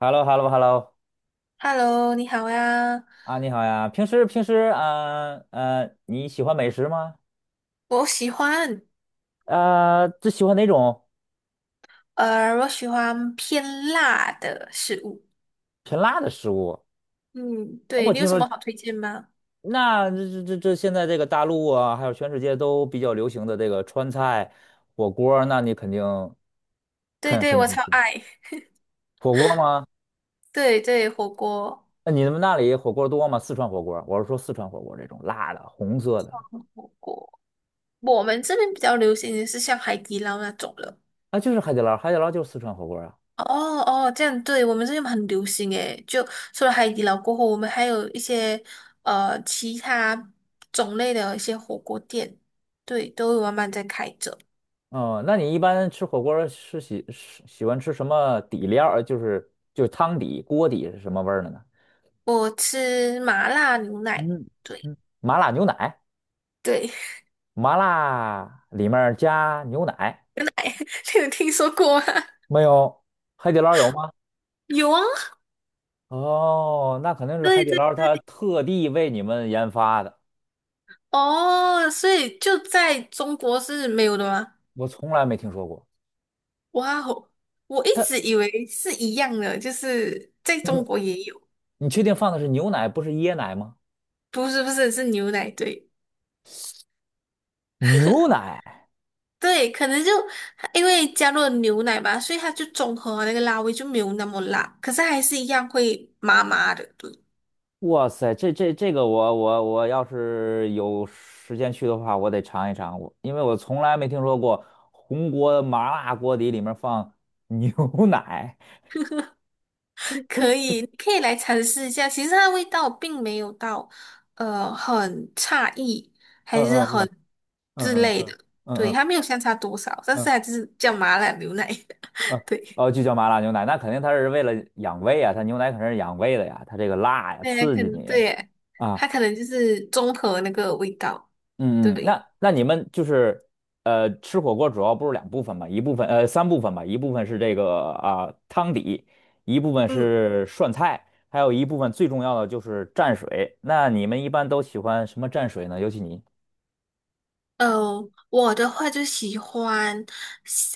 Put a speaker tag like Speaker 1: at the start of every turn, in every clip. Speaker 1: Hello, hello, hello
Speaker 2: Hello，你好呀。
Speaker 1: 啊，你好呀，平时啊你喜欢美食吗？
Speaker 2: 我喜欢，
Speaker 1: 最喜欢哪种
Speaker 2: 我喜欢偏辣的食物。
Speaker 1: 偏辣的食物？
Speaker 2: 嗯，对，
Speaker 1: 我
Speaker 2: 你有
Speaker 1: 听
Speaker 2: 什
Speaker 1: 说，
Speaker 2: 么好推荐吗？
Speaker 1: 那这这这这现在这个大陆啊，还有全世界都比较流行的这个川菜火锅儿那你肯定
Speaker 2: 对
Speaker 1: 肯肯
Speaker 2: 对，
Speaker 1: 定
Speaker 2: 我
Speaker 1: 很
Speaker 2: 超
Speaker 1: 行。
Speaker 2: 爱。
Speaker 1: 火锅儿吗？
Speaker 2: 对对，火锅，
Speaker 1: 那你们那里火锅儿多吗？四川火锅儿我是说四川火锅儿这种辣的、红色的。
Speaker 2: 火锅。我们这边比较流行的是像海底捞那种了。
Speaker 1: 啊，就是海底捞，海底捞就是四川火锅儿啊。
Speaker 2: 哦哦，这样对，我们这边很流行诶。就除了海底捞过后，我们还有一些其他种类的一些火锅店，对，都有慢慢在开着。
Speaker 1: 哦，那你一般吃火锅儿是喜欢吃什么底料儿？就是汤底、锅底是什么味儿的呢？
Speaker 2: 我吃麻辣牛奶。
Speaker 1: 嗯
Speaker 2: 对。
Speaker 1: 嗯，麻辣牛奶，
Speaker 2: 对，
Speaker 1: 麻辣里面儿加牛奶
Speaker 2: 你有听说过吗？
Speaker 1: 没有？海底捞有吗？
Speaker 2: 有啊，
Speaker 1: 哦，那肯定是海
Speaker 2: 对
Speaker 1: 底
Speaker 2: 对，
Speaker 1: 捞它特地为你们研发的，
Speaker 2: 哦，所以就在中国是没有的吗？
Speaker 1: 我从来没听说过。
Speaker 2: 哇哦，我一
Speaker 1: 它，
Speaker 2: 直以为是一样的，就是在中
Speaker 1: 嗯，
Speaker 2: 国也有，
Speaker 1: 你确定放的是牛奶，不是椰奶吗？
Speaker 2: 不是是牛奶，对
Speaker 1: 牛奶？
Speaker 2: 对，可能就因为加入了牛奶吧，所以它就中和了那个辣味就没有那么辣，可是还是一样会麻麻的，对
Speaker 1: 哇塞，这个我要是有时间去的话，我得尝一尝，因为我从来没听说过红锅麻辣锅底里面放牛 奶。
Speaker 2: 可以，你可以来尝试一下。其实它的味道并没有到，很差异，
Speaker 1: 嗯
Speaker 2: 还是
Speaker 1: 嗯嗯
Speaker 2: 很之
Speaker 1: 嗯嗯
Speaker 2: 类
Speaker 1: 嗯
Speaker 2: 的。
Speaker 1: 嗯
Speaker 2: 对，
Speaker 1: 嗯
Speaker 2: 它没有相差多少，但
Speaker 1: 嗯，
Speaker 2: 是它就是叫麻辣牛奶。
Speaker 1: 嗯
Speaker 2: 对，
Speaker 1: 哦，就叫麻辣牛奶，那肯定它是为了养胃啊，它牛奶肯定是养胃的呀，它这个辣呀，
Speaker 2: 对啊，
Speaker 1: 刺
Speaker 2: 可
Speaker 1: 激
Speaker 2: 能
Speaker 1: 你
Speaker 2: 对耶，
Speaker 1: 啊。
Speaker 2: 它可能就是综合那个味道。
Speaker 1: 嗯嗯，
Speaker 2: 对，
Speaker 1: 那你们就是吃火锅主要不是两部分嘛，一部分三部分吧，一部分是这个啊、汤底，一部分
Speaker 2: 嗯，
Speaker 1: 是涮菜，还有一部分最重要的就是蘸水。那你们一般都喜欢什么蘸水呢？尤其你。
Speaker 2: 我的话就喜欢，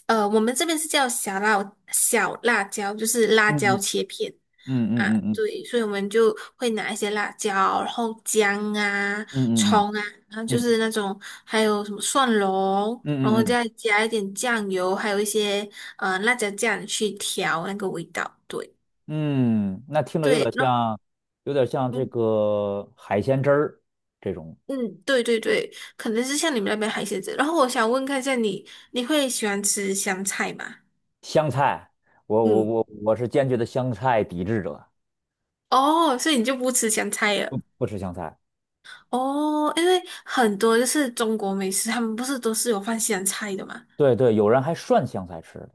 Speaker 2: 我们这边是叫小辣小辣椒，就是辣椒
Speaker 1: 嗯
Speaker 2: 切片。
Speaker 1: 嗯
Speaker 2: 啊，
Speaker 1: 嗯嗯
Speaker 2: 对，所以我们就会拿一些辣椒，然后姜啊、
Speaker 1: 嗯嗯
Speaker 2: 葱啊，然后就
Speaker 1: 嗯嗯
Speaker 2: 是那种，还有什么蒜蓉，然后
Speaker 1: 嗯嗯嗯
Speaker 2: 再加一点酱油，还有一些辣椒酱去调那个味道。对
Speaker 1: 嗯，嗯那听着有点
Speaker 2: 对，那
Speaker 1: 像，有点像这
Speaker 2: 嗯
Speaker 1: 个海鲜汁儿这种
Speaker 2: 嗯，对对对，可能是像你们那边海鲜子。然后我想问看一下你，你会喜欢吃香菜吗？
Speaker 1: 香菜。我我
Speaker 2: 嗯，
Speaker 1: 我我是坚决的香菜抵制者，
Speaker 2: 哦，所以你就不吃香菜了。
Speaker 1: 不吃香菜。
Speaker 2: 哦，因为很多就是中国美食，他们不是都是有放香菜的嘛？
Speaker 1: 对对，有人还涮香菜吃的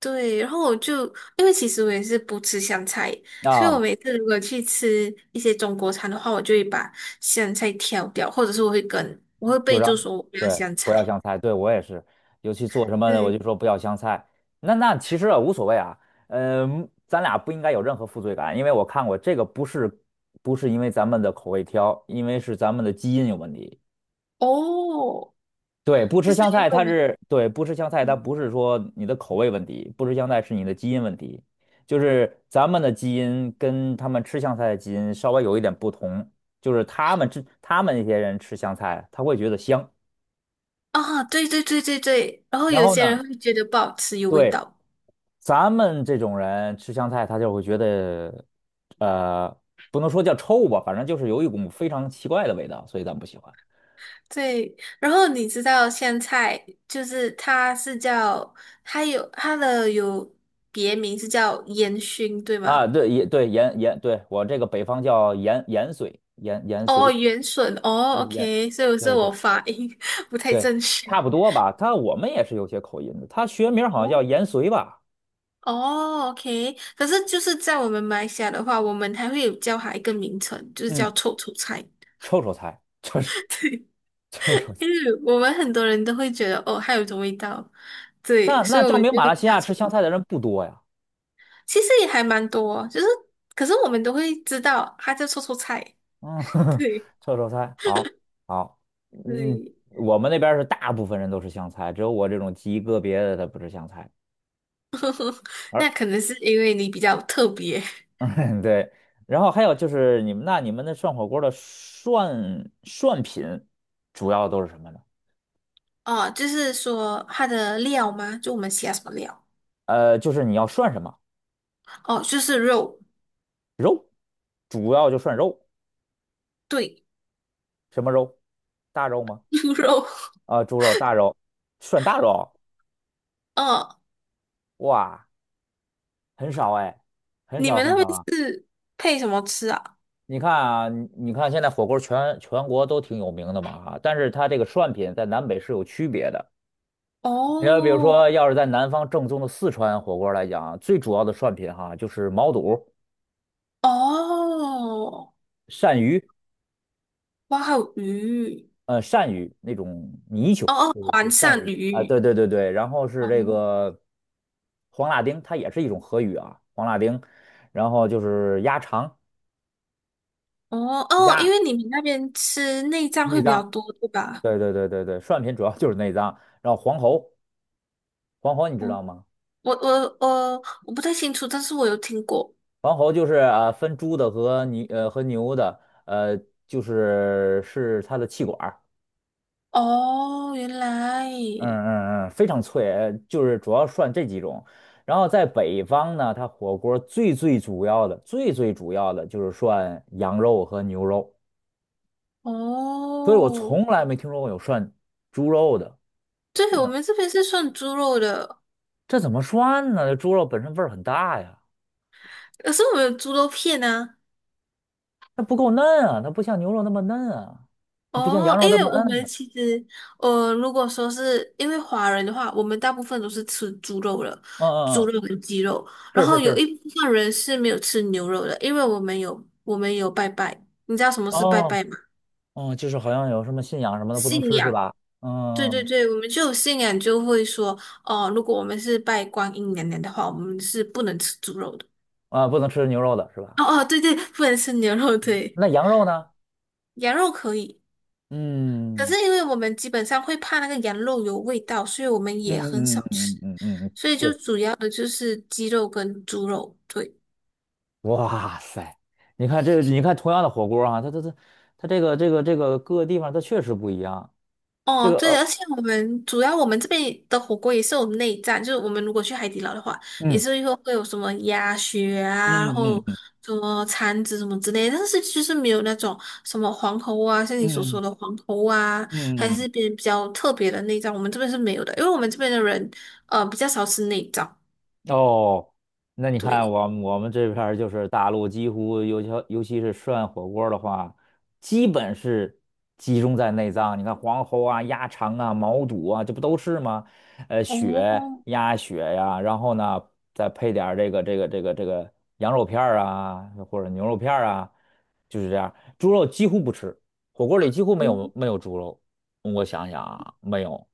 Speaker 2: 对，然后我就因为其实我也是不吃香菜，所以
Speaker 1: 啊，
Speaker 2: 我每次如果去吃一些中国餐的话，我就会把香菜挑掉，或者是我会跟
Speaker 1: 就
Speaker 2: 备
Speaker 1: 让
Speaker 2: 注说我不要
Speaker 1: 对
Speaker 2: 香
Speaker 1: 不
Speaker 2: 菜。
Speaker 1: 要香菜，对我也是，尤其做什么的我
Speaker 2: 对，
Speaker 1: 就说不要香菜。那其实啊无所谓啊，嗯、咱俩不应该有任何负罪感，因为我看过这个不是不是因为咱们的口味挑，因为是咱们的基因有问题。
Speaker 2: 哦，
Speaker 1: 对，不
Speaker 2: 就
Speaker 1: 吃
Speaker 2: 是
Speaker 1: 香
Speaker 2: 因为
Speaker 1: 菜，
Speaker 2: 我
Speaker 1: 它
Speaker 2: 们
Speaker 1: 是对不吃香菜，它
Speaker 2: 嗯
Speaker 1: 不是说你的口味问题，不吃香菜是你的基因问题，就是咱们的基因跟他们吃香菜的基因稍微有一点不同，就是他们那些人吃香菜，他会觉得香，
Speaker 2: 啊，对对对对对，然后
Speaker 1: 然
Speaker 2: 有
Speaker 1: 后
Speaker 2: 些
Speaker 1: 呢，
Speaker 2: 人会觉得不好吃，有味
Speaker 1: 对
Speaker 2: 道。
Speaker 1: 咱们这种人吃香菜，他就会觉得呃，不能说叫臭吧，反正就是有一股非常奇怪的味道，所以咱不喜欢
Speaker 2: 对，然后你知道香菜就是它是叫它有它的有别名是叫烟熏，对
Speaker 1: 啊。
Speaker 2: 吗？
Speaker 1: 对，也对盐盐，对我这个北方叫盐盐水，盐盐
Speaker 2: 哦，
Speaker 1: 水，
Speaker 2: 元笋哦
Speaker 1: 盐。
Speaker 2: ，OK，所以是
Speaker 1: 对
Speaker 2: 我
Speaker 1: 对
Speaker 2: 发音 不太
Speaker 1: 对，
Speaker 2: 正确。
Speaker 1: 差不多吧。我们也是有些口音的，他学名好像叫盐
Speaker 2: 哦
Speaker 1: 绥吧，
Speaker 2: 哦，OK，可是就是在我们马来西亚的话，我们还会有叫它一个名称，就是叫
Speaker 1: 嗯，
Speaker 2: 臭臭菜，
Speaker 1: 臭臭菜，臭臭臭臭
Speaker 2: 因
Speaker 1: 菜。
Speaker 2: 为我们很多人都会觉得哦，它有一种味道，对，
Speaker 1: 那
Speaker 2: 所以
Speaker 1: 那
Speaker 2: 我
Speaker 1: 证
Speaker 2: 们
Speaker 1: 明
Speaker 2: 就
Speaker 1: 马
Speaker 2: 会
Speaker 1: 来
Speaker 2: 叫
Speaker 1: 西
Speaker 2: 它
Speaker 1: 亚
Speaker 2: 臭
Speaker 1: 吃
Speaker 2: 臭
Speaker 1: 香菜
Speaker 2: 菜。
Speaker 1: 的人不多呀。
Speaker 2: 其实也还蛮多，就是可是我们都会知道它叫臭臭菜，
Speaker 1: 嗯，
Speaker 2: 对
Speaker 1: 臭臭菜，好，好，嗯，
Speaker 2: 对，
Speaker 1: 我们那边是大部分人都吃香菜，只有我这种极个别的他不吃香菜。而
Speaker 2: 那可能是因为你比较特别
Speaker 1: 对，然后还有就是你们那涮火锅的涮品主要都是什么呢？
Speaker 2: 哦，就是说它的料吗？就我们喜欢什么料？
Speaker 1: 就是你要涮什么，
Speaker 2: 哦，就是肉。
Speaker 1: 主要就涮肉。
Speaker 2: 对，
Speaker 1: 什么肉？大肉吗？
Speaker 2: 猪肉。
Speaker 1: 啊、猪肉、大肉，涮大肉，
Speaker 2: 嗯，
Speaker 1: 哇，很少哎，很
Speaker 2: 你
Speaker 1: 少
Speaker 2: 们
Speaker 1: 很
Speaker 2: 那
Speaker 1: 少
Speaker 2: 边
Speaker 1: 啊。
Speaker 2: 是配什么吃啊？
Speaker 1: 你看啊，你看现在火锅全国都挺有名的嘛啊，但是它这个涮品在南北是有区别的。你要比如
Speaker 2: 哦
Speaker 1: 说，要是在南方正宗的四川火锅来讲，最主要的涮品哈就是毛肚、
Speaker 2: 哦，
Speaker 1: 鳝鱼。
Speaker 2: 哇，还有鱼。
Speaker 1: 鳝鱼那种泥鳅，
Speaker 2: 哦哦，
Speaker 1: 对对
Speaker 2: 黄
Speaker 1: 对，鳝
Speaker 2: 鳝
Speaker 1: 鱼啊，对
Speaker 2: 鱼。
Speaker 1: 对对对，然后是
Speaker 2: 哦
Speaker 1: 这个黄辣丁，它也是一种河鱼啊，黄辣丁，然后就是鸭肠、
Speaker 2: 哦
Speaker 1: 鸭
Speaker 2: 哦，因为你们那边吃内脏会
Speaker 1: 内
Speaker 2: 比较
Speaker 1: 脏，
Speaker 2: 多，对吧？
Speaker 1: 对对对对对，涮品主要就是内脏，然后黄喉，黄喉你知
Speaker 2: 哦，
Speaker 1: 道吗？
Speaker 2: 我不太清楚，但是我有听过。
Speaker 1: 黄喉就是分猪的和牛的，呃就是它的气管
Speaker 2: 哦，原来。
Speaker 1: 嗯嗯嗯，非常脆，就是主要涮这几种。然后在北方呢，它火锅最主要的就是涮羊肉和牛肉，所以我
Speaker 2: 哦，
Speaker 1: 从来没听说过有涮猪肉的。
Speaker 2: 对，我们这边是算猪肉的，
Speaker 1: 这怎么涮呢？这猪肉本身味儿很大呀，
Speaker 2: 可是我们有猪肉片啊。
Speaker 1: 它不够嫩啊，它不像牛肉那么嫩啊，不像
Speaker 2: 哦，
Speaker 1: 羊肉
Speaker 2: 因
Speaker 1: 那
Speaker 2: 为
Speaker 1: 么
Speaker 2: 我
Speaker 1: 嫩
Speaker 2: 们
Speaker 1: 啊。
Speaker 2: 其实，如果说是因为华人的话，我们大部分都是吃猪肉的，
Speaker 1: 嗯嗯
Speaker 2: 猪
Speaker 1: 嗯，
Speaker 2: 肉跟鸡肉，然
Speaker 1: 是
Speaker 2: 后
Speaker 1: 是
Speaker 2: 有
Speaker 1: 是，
Speaker 2: 一部分人是没有吃牛肉的，因为我们有拜拜，你知道什么是拜
Speaker 1: 哦
Speaker 2: 拜吗？
Speaker 1: 哦，就是好像有什么信仰什么的不能
Speaker 2: 信
Speaker 1: 吃是
Speaker 2: 仰，
Speaker 1: 吧？
Speaker 2: 对对
Speaker 1: 嗯
Speaker 2: 对，我们就有信仰，就会说，哦、如果我们是拜观音娘娘的话，我们是不能吃猪肉的。
Speaker 1: 啊，不能吃牛肉的是吧？
Speaker 2: 哦哦，对对，不能吃牛肉，对，
Speaker 1: 那羊肉呢？
Speaker 2: 羊肉可以。可是
Speaker 1: 嗯。
Speaker 2: 因为我们基本上会怕那个羊肉有味道，所以我们也很
Speaker 1: 嗯嗯
Speaker 2: 少
Speaker 1: 嗯
Speaker 2: 吃。
Speaker 1: 嗯嗯嗯，嗯
Speaker 2: 所以就
Speaker 1: 对，
Speaker 2: 主要的就是鸡肉跟猪肉，对。
Speaker 1: 哇塞，你看同样的火锅啊，它这个各个地方它确实不一样。这
Speaker 2: 哦，
Speaker 1: 个
Speaker 2: 对，
Speaker 1: 而
Speaker 2: 而且我们这边的火锅也是有内脏，就是我们如果去海底捞的话，也
Speaker 1: 嗯
Speaker 2: 是会有什么鸭血啊，然
Speaker 1: 嗯嗯
Speaker 2: 后
Speaker 1: 嗯
Speaker 2: 什么肠子什么之类的，但是就是没有那种什么黄喉啊，像你所说
Speaker 1: 嗯
Speaker 2: 的黄喉啊，还
Speaker 1: 嗯嗯，
Speaker 2: 是比较特别的内脏，我们这边是没有的，因为我们这边的人比较少吃内脏，
Speaker 1: 哦，那你看
Speaker 2: 对。
Speaker 1: 我们这边儿就是大陆，几乎尤其是涮火锅儿的话，基本是集中在内脏。你看黄喉啊、鸭肠啊、毛肚啊，这不都是吗？血、
Speaker 2: 哦，
Speaker 1: 鸭血呀、然后呢再配点儿这个羊肉片儿啊，或者牛肉片儿啊，就是这样。猪肉几乎不吃，火锅里几乎没有
Speaker 2: 嗯
Speaker 1: 没有猪肉。我想想啊，没有，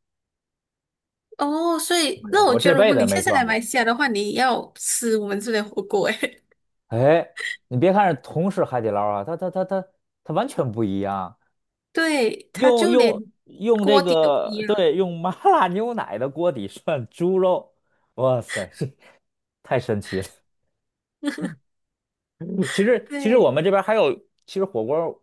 Speaker 2: 哦，所以
Speaker 1: 没有，
Speaker 2: 那我
Speaker 1: 我
Speaker 2: 觉
Speaker 1: 这
Speaker 2: 得，如
Speaker 1: 辈
Speaker 2: 果
Speaker 1: 子也
Speaker 2: 你下
Speaker 1: 没
Speaker 2: 次来
Speaker 1: 涮
Speaker 2: 马
Speaker 1: 过。
Speaker 2: 来西亚的话，你要吃我们这边的火锅，诶，
Speaker 1: 哎，你别看是同是海底捞啊，它完全不一样。
Speaker 2: 对，它
Speaker 1: 用
Speaker 2: 就
Speaker 1: 用
Speaker 2: 连
Speaker 1: 用这
Speaker 2: 锅底都不一
Speaker 1: 个，
Speaker 2: 样。
Speaker 1: 对，用麻辣牛奶的锅底涮猪肉，哇塞，这太神奇了。其实我
Speaker 2: 对，
Speaker 1: 们这边还有，其实火锅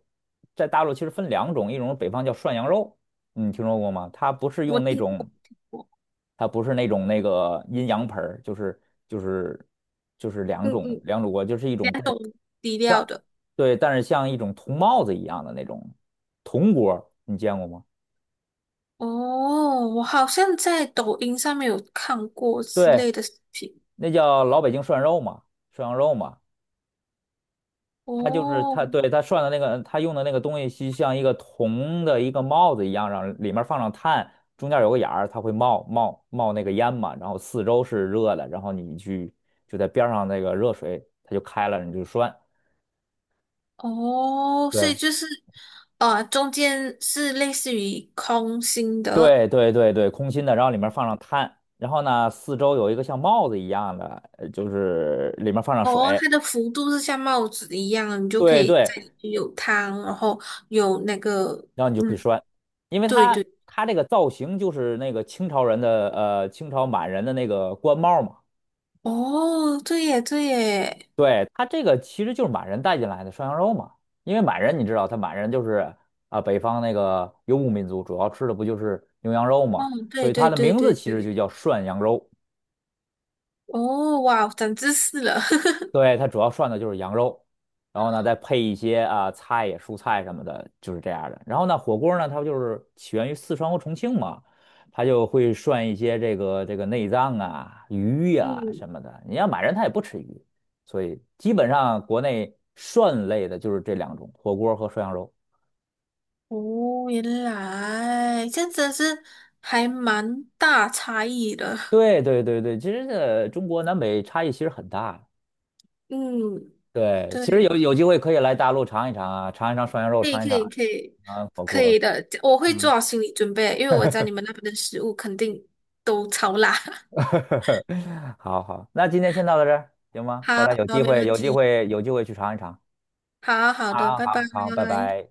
Speaker 1: 在大陆其实分两种，一种是北方叫涮羊肉，你听说过吗？它不是
Speaker 2: 我
Speaker 1: 用那
Speaker 2: 听
Speaker 1: 种，
Speaker 2: 过，听过，
Speaker 1: 它不是那种那个阴阳盆儿就是就是就是两
Speaker 2: 嗯
Speaker 1: 种
Speaker 2: 嗯，
Speaker 1: 两种锅，就是一种
Speaker 2: 两
Speaker 1: 带。
Speaker 2: 种底料的。
Speaker 1: 对，但是像一种铜帽子一样的那种铜锅你见过吗？
Speaker 2: 哦，我好像在抖音上面有看过之
Speaker 1: 对，
Speaker 2: 类的视频。
Speaker 1: 那叫老北京涮肉嘛，涮羊肉嘛。它就是
Speaker 2: 哦
Speaker 1: 它，对，它涮的那个，它用的那个东西，就像一个铜的一个帽子一样，让里面放上炭，中间有个眼儿，它会冒那个烟嘛，然后四周是热的，然后你去就在边上那个热水，它就开了，你就涮。
Speaker 2: 哦，所以
Speaker 1: 对
Speaker 2: 就是，啊，中间是类似于空心的，
Speaker 1: 对对对对，空心的，然后里面放上炭，然后呢，四周有一个像帽子一样的，就是里面放上
Speaker 2: 哦，
Speaker 1: 水，
Speaker 2: 它的幅度是像帽子一样的你就可
Speaker 1: 对
Speaker 2: 以
Speaker 1: 对，
Speaker 2: 在里面有汤，然后有那个，
Speaker 1: 然后你就可以
Speaker 2: 嗯，
Speaker 1: 拴，因为
Speaker 2: 对
Speaker 1: 它
Speaker 2: 对，
Speaker 1: 它这个造型就是那个清朝人的清朝满人的那个官帽嘛，
Speaker 2: 哦，对耶，对耶，
Speaker 1: 对，它这个其实就是满人带进来的涮羊肉嘛，因为满人你知道，他满人就是啊、北方那个游牧民族，主要吃的不就是牛羊肉嘛，
Speaker 2: 嗯，
Speaker 1: 所
Speaker 2: 对
Speaker 1: 以它
Speaker 2: 对
Speaker 1: 的
Speaker 2: 对
Speaker 1: 名
Speaker 2: 对
Speaker 1: 字其实就
Speaker 2: 对，
Speaker 1: 叫涮羊肉。
Speaker 2: 哦，哇，长知识了，
Speaker 1: 对，它主要涮的就是羊肉，然后呢再配一些啊菜呀、蔬菜什么的，就是这样的。然后呢，火锅呢它不就是起源于四川和重庆嘛，它就会涮一些这个内脏啊、鱼 呀、什
Speaker 2: 嗯，
Speaker 1: 么的。你要满人他也不吃鱼，所以基本上国内涮类的就是这两种，火锅和涮羊肉。
Speaker 2: 哦，原来这样真的是还蛮大差异的，
Speaker 1: 对对对对，其实这中国南北差异其实很大的
Speaker 2: 嗯，
Speaker 1: 对，其实有
Speaker 2: 对，
Speaker 1: 有机会可以来大陆尝一尝啊，尝一尝涮羊肉，
Speaker 2: 可以
Speaker 1: 尝一
Speaker 2: 可
Speaker 1: 尝
Speaker 2: 以可以
Speaker 1: 尝火
Speaker 2: 可
Speaker 1: 锅。
Speaker 2: 以的，我会做
Speaker 1: 嗯。
Speaker 2: 好心理准备，因为我知道你们那边的食物肯定都超辣，
Speaker 1: 好好，那今天先到这儿，行吗？
Speaker 2: 好，
Speaker 1: 回来有
Speaker 2: 好，
Speaker 1: 机
Speaker 2: 没
Speaker 1: 会，
Speaker 2: 问
Speaker 1: 有机
Speaker 2: 题。
Speaker 1: 会，有机会去尝一尝
Speaker 2: 好好的，
Speaker 1: 啊！
Speaker 2: 拜拜。
Speaker 1: 好好，拜拜。